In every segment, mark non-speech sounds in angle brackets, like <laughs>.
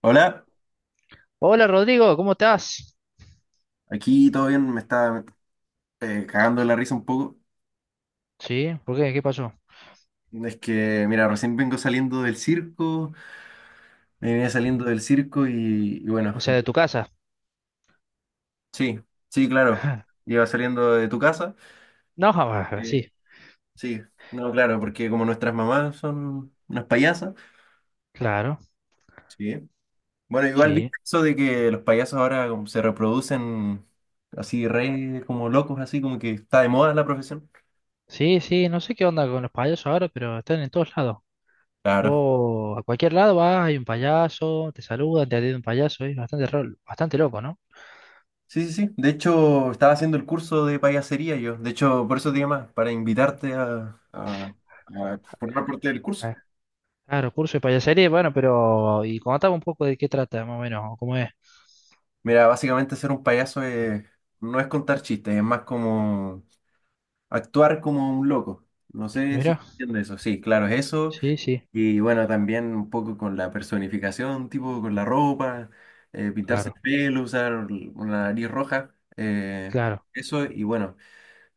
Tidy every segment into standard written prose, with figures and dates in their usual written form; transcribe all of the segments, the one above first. Hola, Hola Rodrigo, ¿cómo estás? aquí todo bien, me está cagando de la risa un poco. Sí, ¿por qué? ¿Qué pasó? Es que, mira, recién vengo saliendo del circo, me venía saliendo del circo y bueno, O sea, de tu casa. sí, sí, claro, <laughs> iba saliendo de tu casa. No, ah, eh, sí, sí, no, claro, porque como nuestras mamás son unas payasas, claro, sí. Bueno, igual viste sí. eso de que los payasos ahora como se reproducen así re como locos, así como que está de moda la profesión. Sí, sí, no sé qué onda con los payasos ahora, pero están en todos lados. Claro. Vos a cualquier lado vas, hay un payaso, te saludan, te atiende un payaso, es bastante, bastante loco, ¿no? Sí, sí, sí. De hecho, estaba haciendo el curso de payasería yo. De hecho, por eso te más para invitarte a a formar parte del curso. Ah, claro, curso de payasería, bueno, pero... Y contame un poco de qué trata, más o menos, o cómo es. Mira, básicamente ser un payaso es- no es contar chistes, es más como actuar como un loco. No sé si Mira, entiendes eso. Sí, claro, es eso. sí, sí, Y bueno, también un poco con la personificación, tipo con la ropa, pintarse claro, el pelo, usar una nariz roja. eh, claro, Eso, y bueno.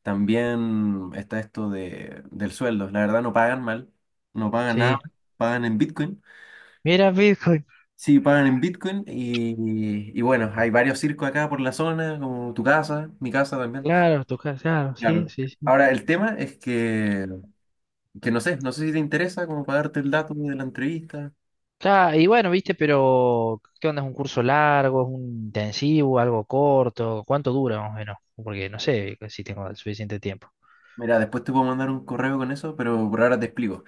También está esto del sueldo. La verdad no pagan mal, no pagan nada, sí. pagan en Bitcoin. Mira, Bitcoin, Sí, pagan en Bitcoin y bueno, hay varios circos acá por la zona, como tu casa, mi casa también. claro, tu casa, claro, sí, Claro. sí, sí. Ahora, el tema es que no sé, no sé si te interesa como para darte el dato de la entrevista. Claro, y bueno, viste, pero ¿qué onda? ¿Es un curso largo? ¿Es un intensivo? ¿Algo corto? ¿Cuánto dura más o menos? Porque no sé si tengo el suficiente tiempo. Mira, después te puedo mandar un correo con eso, pero por ahora te explico.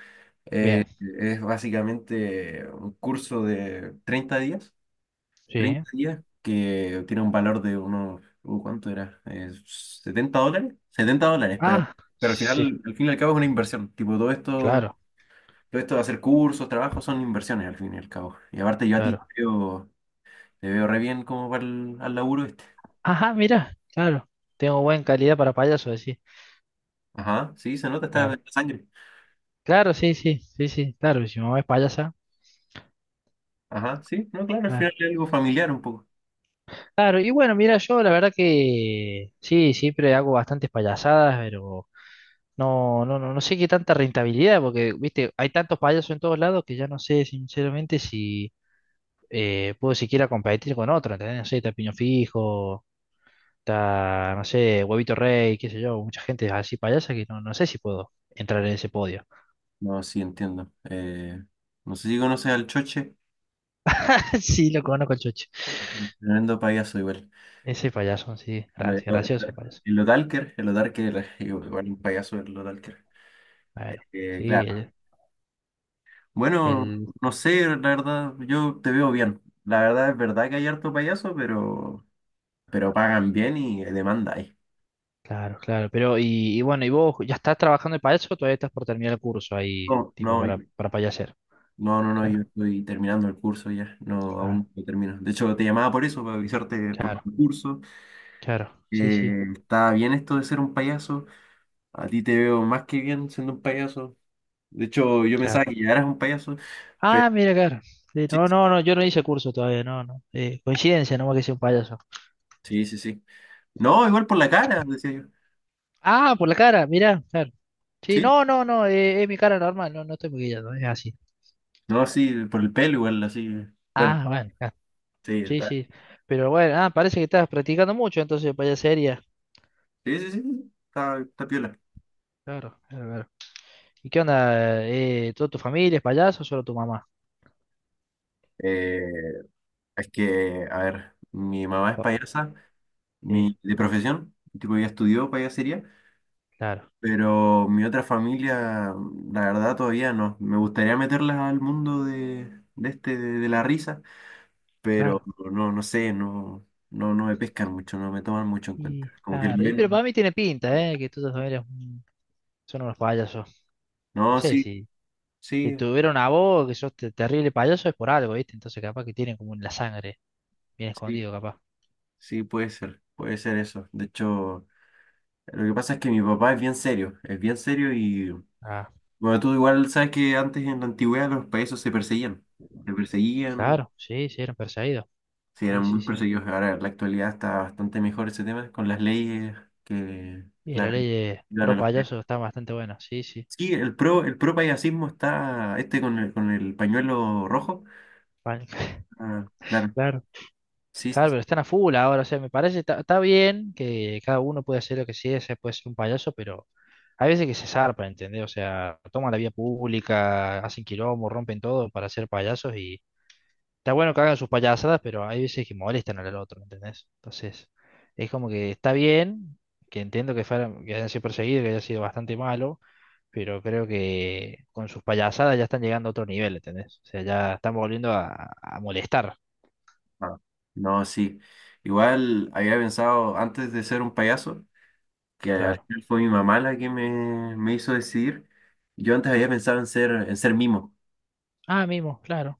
Bien, Eh, es básicamente un curso de 30 días sí. 30 días que tiene un valor de unos, ¿cuánto era? ¿$70? $70, Ah, pero al sí, final, al fin y al cabo es una inversión. Tipo, claro, todo esto de hacer cursos, trabajos, son inversiones al fin y al cabo. Y aparte yo a ti claro. Te veo re bien como para el al laburo este. Ajá, mira, claro. Tengo buena calidad para payaso, sí. Ajá, sí, se nota, está en la Claro. sangre. Claro, sí, sí, sí, sí, claro. Si mi mamá es payasa, Ajá, sí, no, claro, al final claro. es algo familiar un poco. Claro, y bueno, mira, yo la verdad que sí, siempre hago bastantes payasadas, pero. No, no, no, no sé qué tanta rentabilidad, porque, viste, hay tantos payasos en todos lados que ya no sé, sinceramente, si puedo siquiera competir con otro, ¿entendés? No sé, está Piño Fijo, está, no sé, Huevito Rey, qué sé yo, mucha gente así payasa que no, no sé si puedo entrar en ese podio. No, sí, entiendo. No sé si conoces al Choche, <laughs> Sí, lo conozco, el Chocho. tremendo payaso igual. Ese payaso, sí, gracias, gracioso el payaso. Y lo Dalker, los Dalker, <laughs> igual un payaso el Dalker. Bueno, sí, Claro. el, Bueno, el- no sé, la verdad, yo te veo bien. La verdad es verdad que hay harto payaso, pero pagan bien y demanda hay. claro, claro, pero, y bueno, ¿y vos ya estás trabajando de payaso o todavía estás por terminar el curso ahí, No, tipo, no, yo- para payaser? no, no, no, yo Claro. estoy terminando el curso ya, no, Claro. aún no termino. De hecho, te llamaba por eso, para avisarte por Claro, el curso. claro, sí, sí, Está bien esto de ser un payaso. A ti te veo más que bien siendo un payaso. De hecho, yo pensaba claro. que ya eras un payaso, pero Ah, mira, claro. Sí, sí, no, no, sí, no, yo no hice curso todavía, no, no. Coincidencia, nomás que sea un payaso. sí. Sí. Sí. No, igual por la cara, decía yo. Ah, por la cara, mira, claro. Sí, Sí, no, no, no, es mi cara normal, no, no estoy maquillado, es así. no, sí, por el pelo igual, así. Bueno, Ah, bueno, claro. sí, Sí, está- sí. Pero bueno, ah, parece que estás practicando mucho entonces payasería. sí, sí, sí, está, está piola. Claro, claro, claro. ¿Y qué onda? ¿Toda tu familia es payaso o solo tu mamá? Eh, es que, a ver, mi mamá es Oh, payasa, sí, mi, de profesión, tipo ya estudió payasería, claro, pero mi otra familia, la verdad, todavía no. Me gustaría meterlas al mundo de la risa, pero claro. no, no sé, no, no, no me pescan mucho, no me toman mucho en cuenta. Y Como que el claro, y pero bien, para mí tiene pinta, ¿eh? Que toda tu familia son unos payasos. No no, sé sí, si te sí. tuvieron a vos, que sos terrible payaso, es por algo, ¿viste? Entonces capaz que tienen como en la sangre, bien Sí, escondido capaz. sí, puede ser eso. De hecho, lo que pasa es que mi papá es bien serio y, Ah, bueno, tú igual sabes que antes en la antigüedad los payasos se perseguían, claro, sí, sí, eran perseguidos. sí Sí, eran sí, muy sí. perseguidos. Ahora en la actualidad está bastante mejor ese tema con las leyes que, Y la claro, ley de ayudan a pro los payasos. payaso está bastante buena, sí, sí. Sí, el pro payasismo está, este con el pañuelo rojo. Vale. <laughs> Ah, claro, Claro, sí, sí. claro, Sí. pero están a full ahora, o sea, me parece, está está bien que cada uno puede hacer lo que sea, se puede ser un payaso, pero hay veces que se zarpan, ¿entendés? O sea, toman la vía pública, hacen quilombo, rompen todo para ser payasos. Está bueno que hagan sus payasadas, pero hay veces que molestan al otro, ¿entendés? Entonces, es como que está bien, que entiendo que, fueran, que hayan sido perseguidos, que haya sido bastante malo, pero creo que con sus payasadas ya están llegando a otro nivel, ¿entendés? O sea, ya están volviendo a molestar, Ah, no, sí. Igual había pensado antes de ser un payaso, que al claro. final fue mi mamá la que me hizo decidir. Yo antes había pensado en en ser mimo. Ah, mimo, claro.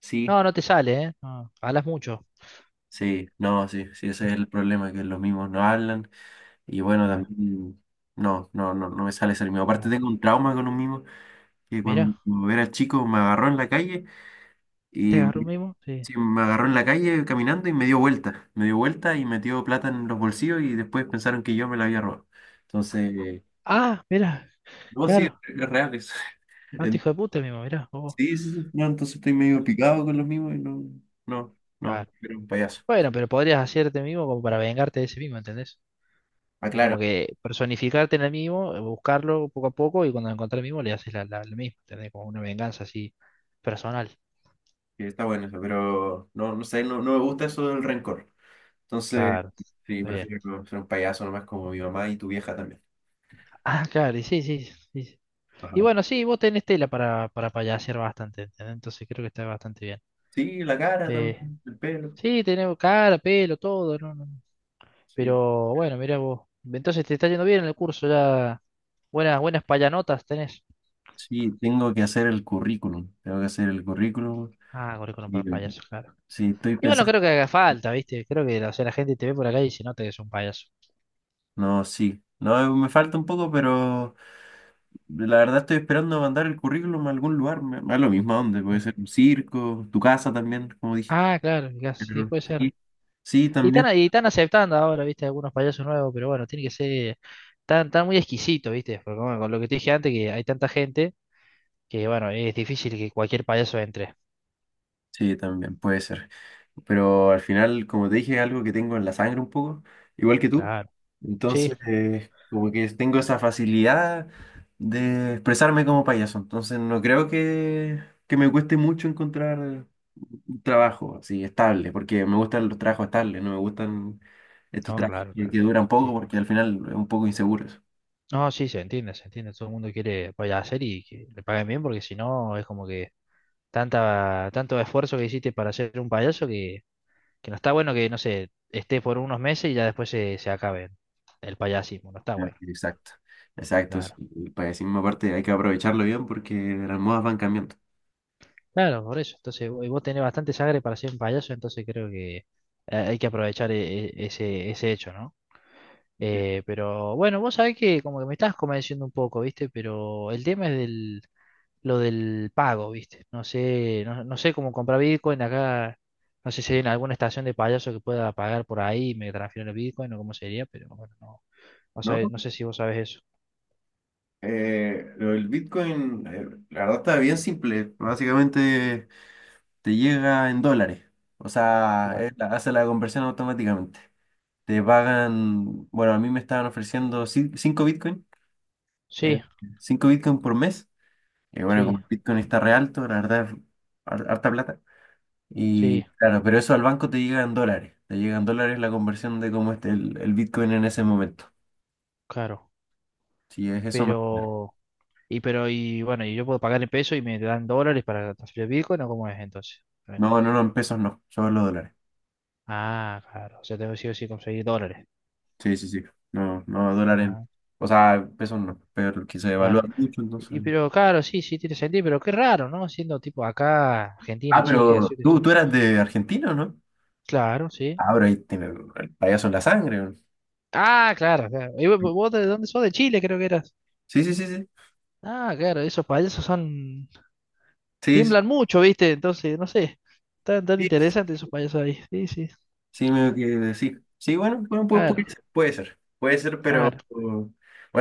Sí, No, no te sale, ¿eh? No, hablas mucho. sí, no, sí, sí, ese es el problema, que los mimos no hablan. Y bueno, Claro, también no me sale ser mimo. Aparte claro. tengo un trauma con un mimo, que cuando Mira, era chico me agarró en la calle ¿te y agarró un mimo? Sí. sí, me agarró en la calle caminando y me dio vuelta. Me dio vuelta y metió plata en los bolsillos y después pensaron que yo me la había robado. Entonces, Ah, mira, no, sí, claro. es real eso. Tanto hijo de <laughs> puta el mimo, mira. Sí, sí, sí. No, entonces estoy medio picado con los mismos y no, no, no, Claro. era un payaso. Bueno, pero podrías hacerte mimo como para vengarte de ese mimo, ¿entendés? Es como Aclaro, que personificarte en el mismo, buscarlo poco a poco y cuando lo encontrás el mismo le haces la, la, la misma. Tenés como una venganza así personal. que está bueno eso, pero no, no sé, no, no me gusta eso del rencor. Entonces, Claro, sí, está bien. prefiero ser un payaso nomás como mi mamá y tu vieja también. Ah, claro, y sí, sí, sí, sí. Y Ajá. bueno, sí, vos tenés tela para payasear bastante, ¿entendés? Entonces creo que está bastante bien. Sí, la cara Eh, también, el pelo. sí, tenés cara, pelo, todo, ¿no? No. No. Sí. Pero bueno, mirá vos. Entonces te está yendo bien en el curso, ya buenas, buenas payanotas tenés. Sí, tengo que hacer el currículum. Tengo que hacer el currículum. Ah, currículum Y para payasos, claro. sí, estoy Y bueno, pensando. creo que haga falta, ¿viste? Creo que o sea, la gente te ve por acá y se nota que es un payaso. No, sí. No, me falta un poco, pero. La verdad estoy esperando mandar el currículum a algún lugar, me da lo mismo a dónde, puede Claro. ser un circo, tu casa también, como dije. Ah, claro, mirá, sí, Pero puede ser. sí, sí, también. Y están aceptando ahora, ¿viste? Algunos payasos nuevos, pero bueno, tiene que ser tan, tan muy exquisito, ¿viste? Porque bueno, con lo que te dije antes, que hay tanta gente que, bueno, es difícil que cualquier payaso entre. Sí, también puede ser. Pero al final, como te dije, es algo que tengo en la sangre un poco, igual que tú. Claro, sí, Entonces, como que tengo esa facilidad de expresarme como payaso. Entonces, no creo que me cueste mucho encontrar un trabajo así estable, porque me gustan los trabajos estables, no me gustan estos no, trabajos claro, que claro. duran poco, Sí. porque al final es un poco inseguro eso. No, sí, se entiende, se entiende. Todo el mundo quiere hacer y que le paguen bien, porque si no, es como que tanta, tanto esfuerzo que hiciste para ser un payaso que no está bueno que, no sé, esté por unos meses y ya después se, se acabe el payasismo. No está Ah, bueno. exacto, exacto. Sí. Claro. El payacismo aparte hay que aprovecharlo bien porque las modas van cambiando. Claro, por eso. Entonces, y vos tenés bastante sangre para ser un payaso, entonces creo que hay que aprovechar ese, ese hecho, ¿no? Sí. Pero bueno, vos sabés que como que me estás convenciendo un poco, ¿viste? Pero el tema es del, lo del pago, ¿viste? No sé, no, no sé cómo comprar Bitcoin acá. No sé si hay en alguna estación de payaso que pueda pagar por ahí y me transfieren el Bitcoin o cómo sería, pero bueno, no, no ¿No? sé, no sé si vos sabés eso. Lo del Bitcoin, la verdad está bien simple. Básicamente te llega en dólares. O sea, él hace la conversión automáticamente. Te pagan, bueno, a mí me estaban ofreciendo 5 Bitcoin, eh, Sí, 5 Bitcoin por mes. Y bueno, como sí, el Bitcoin está re alto, la verdad es harta plata. Y sí, claro, pero eso al banco te llega en dólares. Te llega en dólares la conversión de cómo esté el Bitcoin en ese momento. claro. Si es eso, más- Pero, pero, y bueno, y yo puedo pagar en pesos y me dan dólares para transferir Bitcoin o cómo es entonces. A no, no, no, en pesos no, solo dólares. ah, claro. O sea, tengo que sí o sí conseguir dólares. Sí, sí, sí. No, no va en. Ah, O sea, pesos no, pero que se evalúa claro. mucho, entonces. Y, pero, claro, sí, sí, tiene sentido, pero qué raro, ¿no? Siendo tipo acá, Argentina, Ah, Chile, que así- pero eso- tú eras de Argentina, ¿o no? claro, sí. Ah, pero ahí tiene el payaso en la sangre. ¿No? Ah, claro, claro. ¿Y vos vos de dónde sos? De Chile, creo que eras. Sí, sí, sí, sí. Ah, claro, esos payasos son, Sí, sí, tiemblan mucho, ¿viste? Entonces, no sé. Tan, tan sí, sí, interesantes esos payasos ahí. Sí, sí. sí, me que decir. Sí, bueno, bueno, puede, puede Claro. ser, puede ser, puede ser, pero Claro. bueno,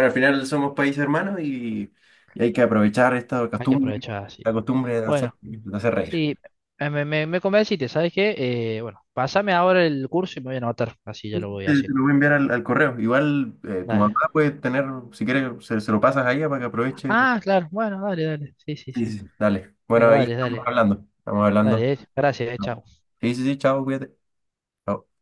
al final somos países hermanos y hay que aprovechar esta Hay que costumbre, aprovechar así. la costumbre Bueno, de hacer reír. sí, me, me, me convenciste, ¿sabes qué? Bueno, pásame ahora el curso y me voy a anotar, así ya lo voy Te haciendo. lo voy a enviar al correo. Igual tu mamá Dale. puede tener, si quieres, se lo pasas a ella para que aproveche. Ah, claro, bueno, dale, dale. Sí, sí, Sí, sí. sí. Dale. Bueno, Bueno, ahí dale, estamos dale. hablando. Estamos hablando. Dale, gracias, chao. Sí, sí, sí, chao, cuídate. Chao.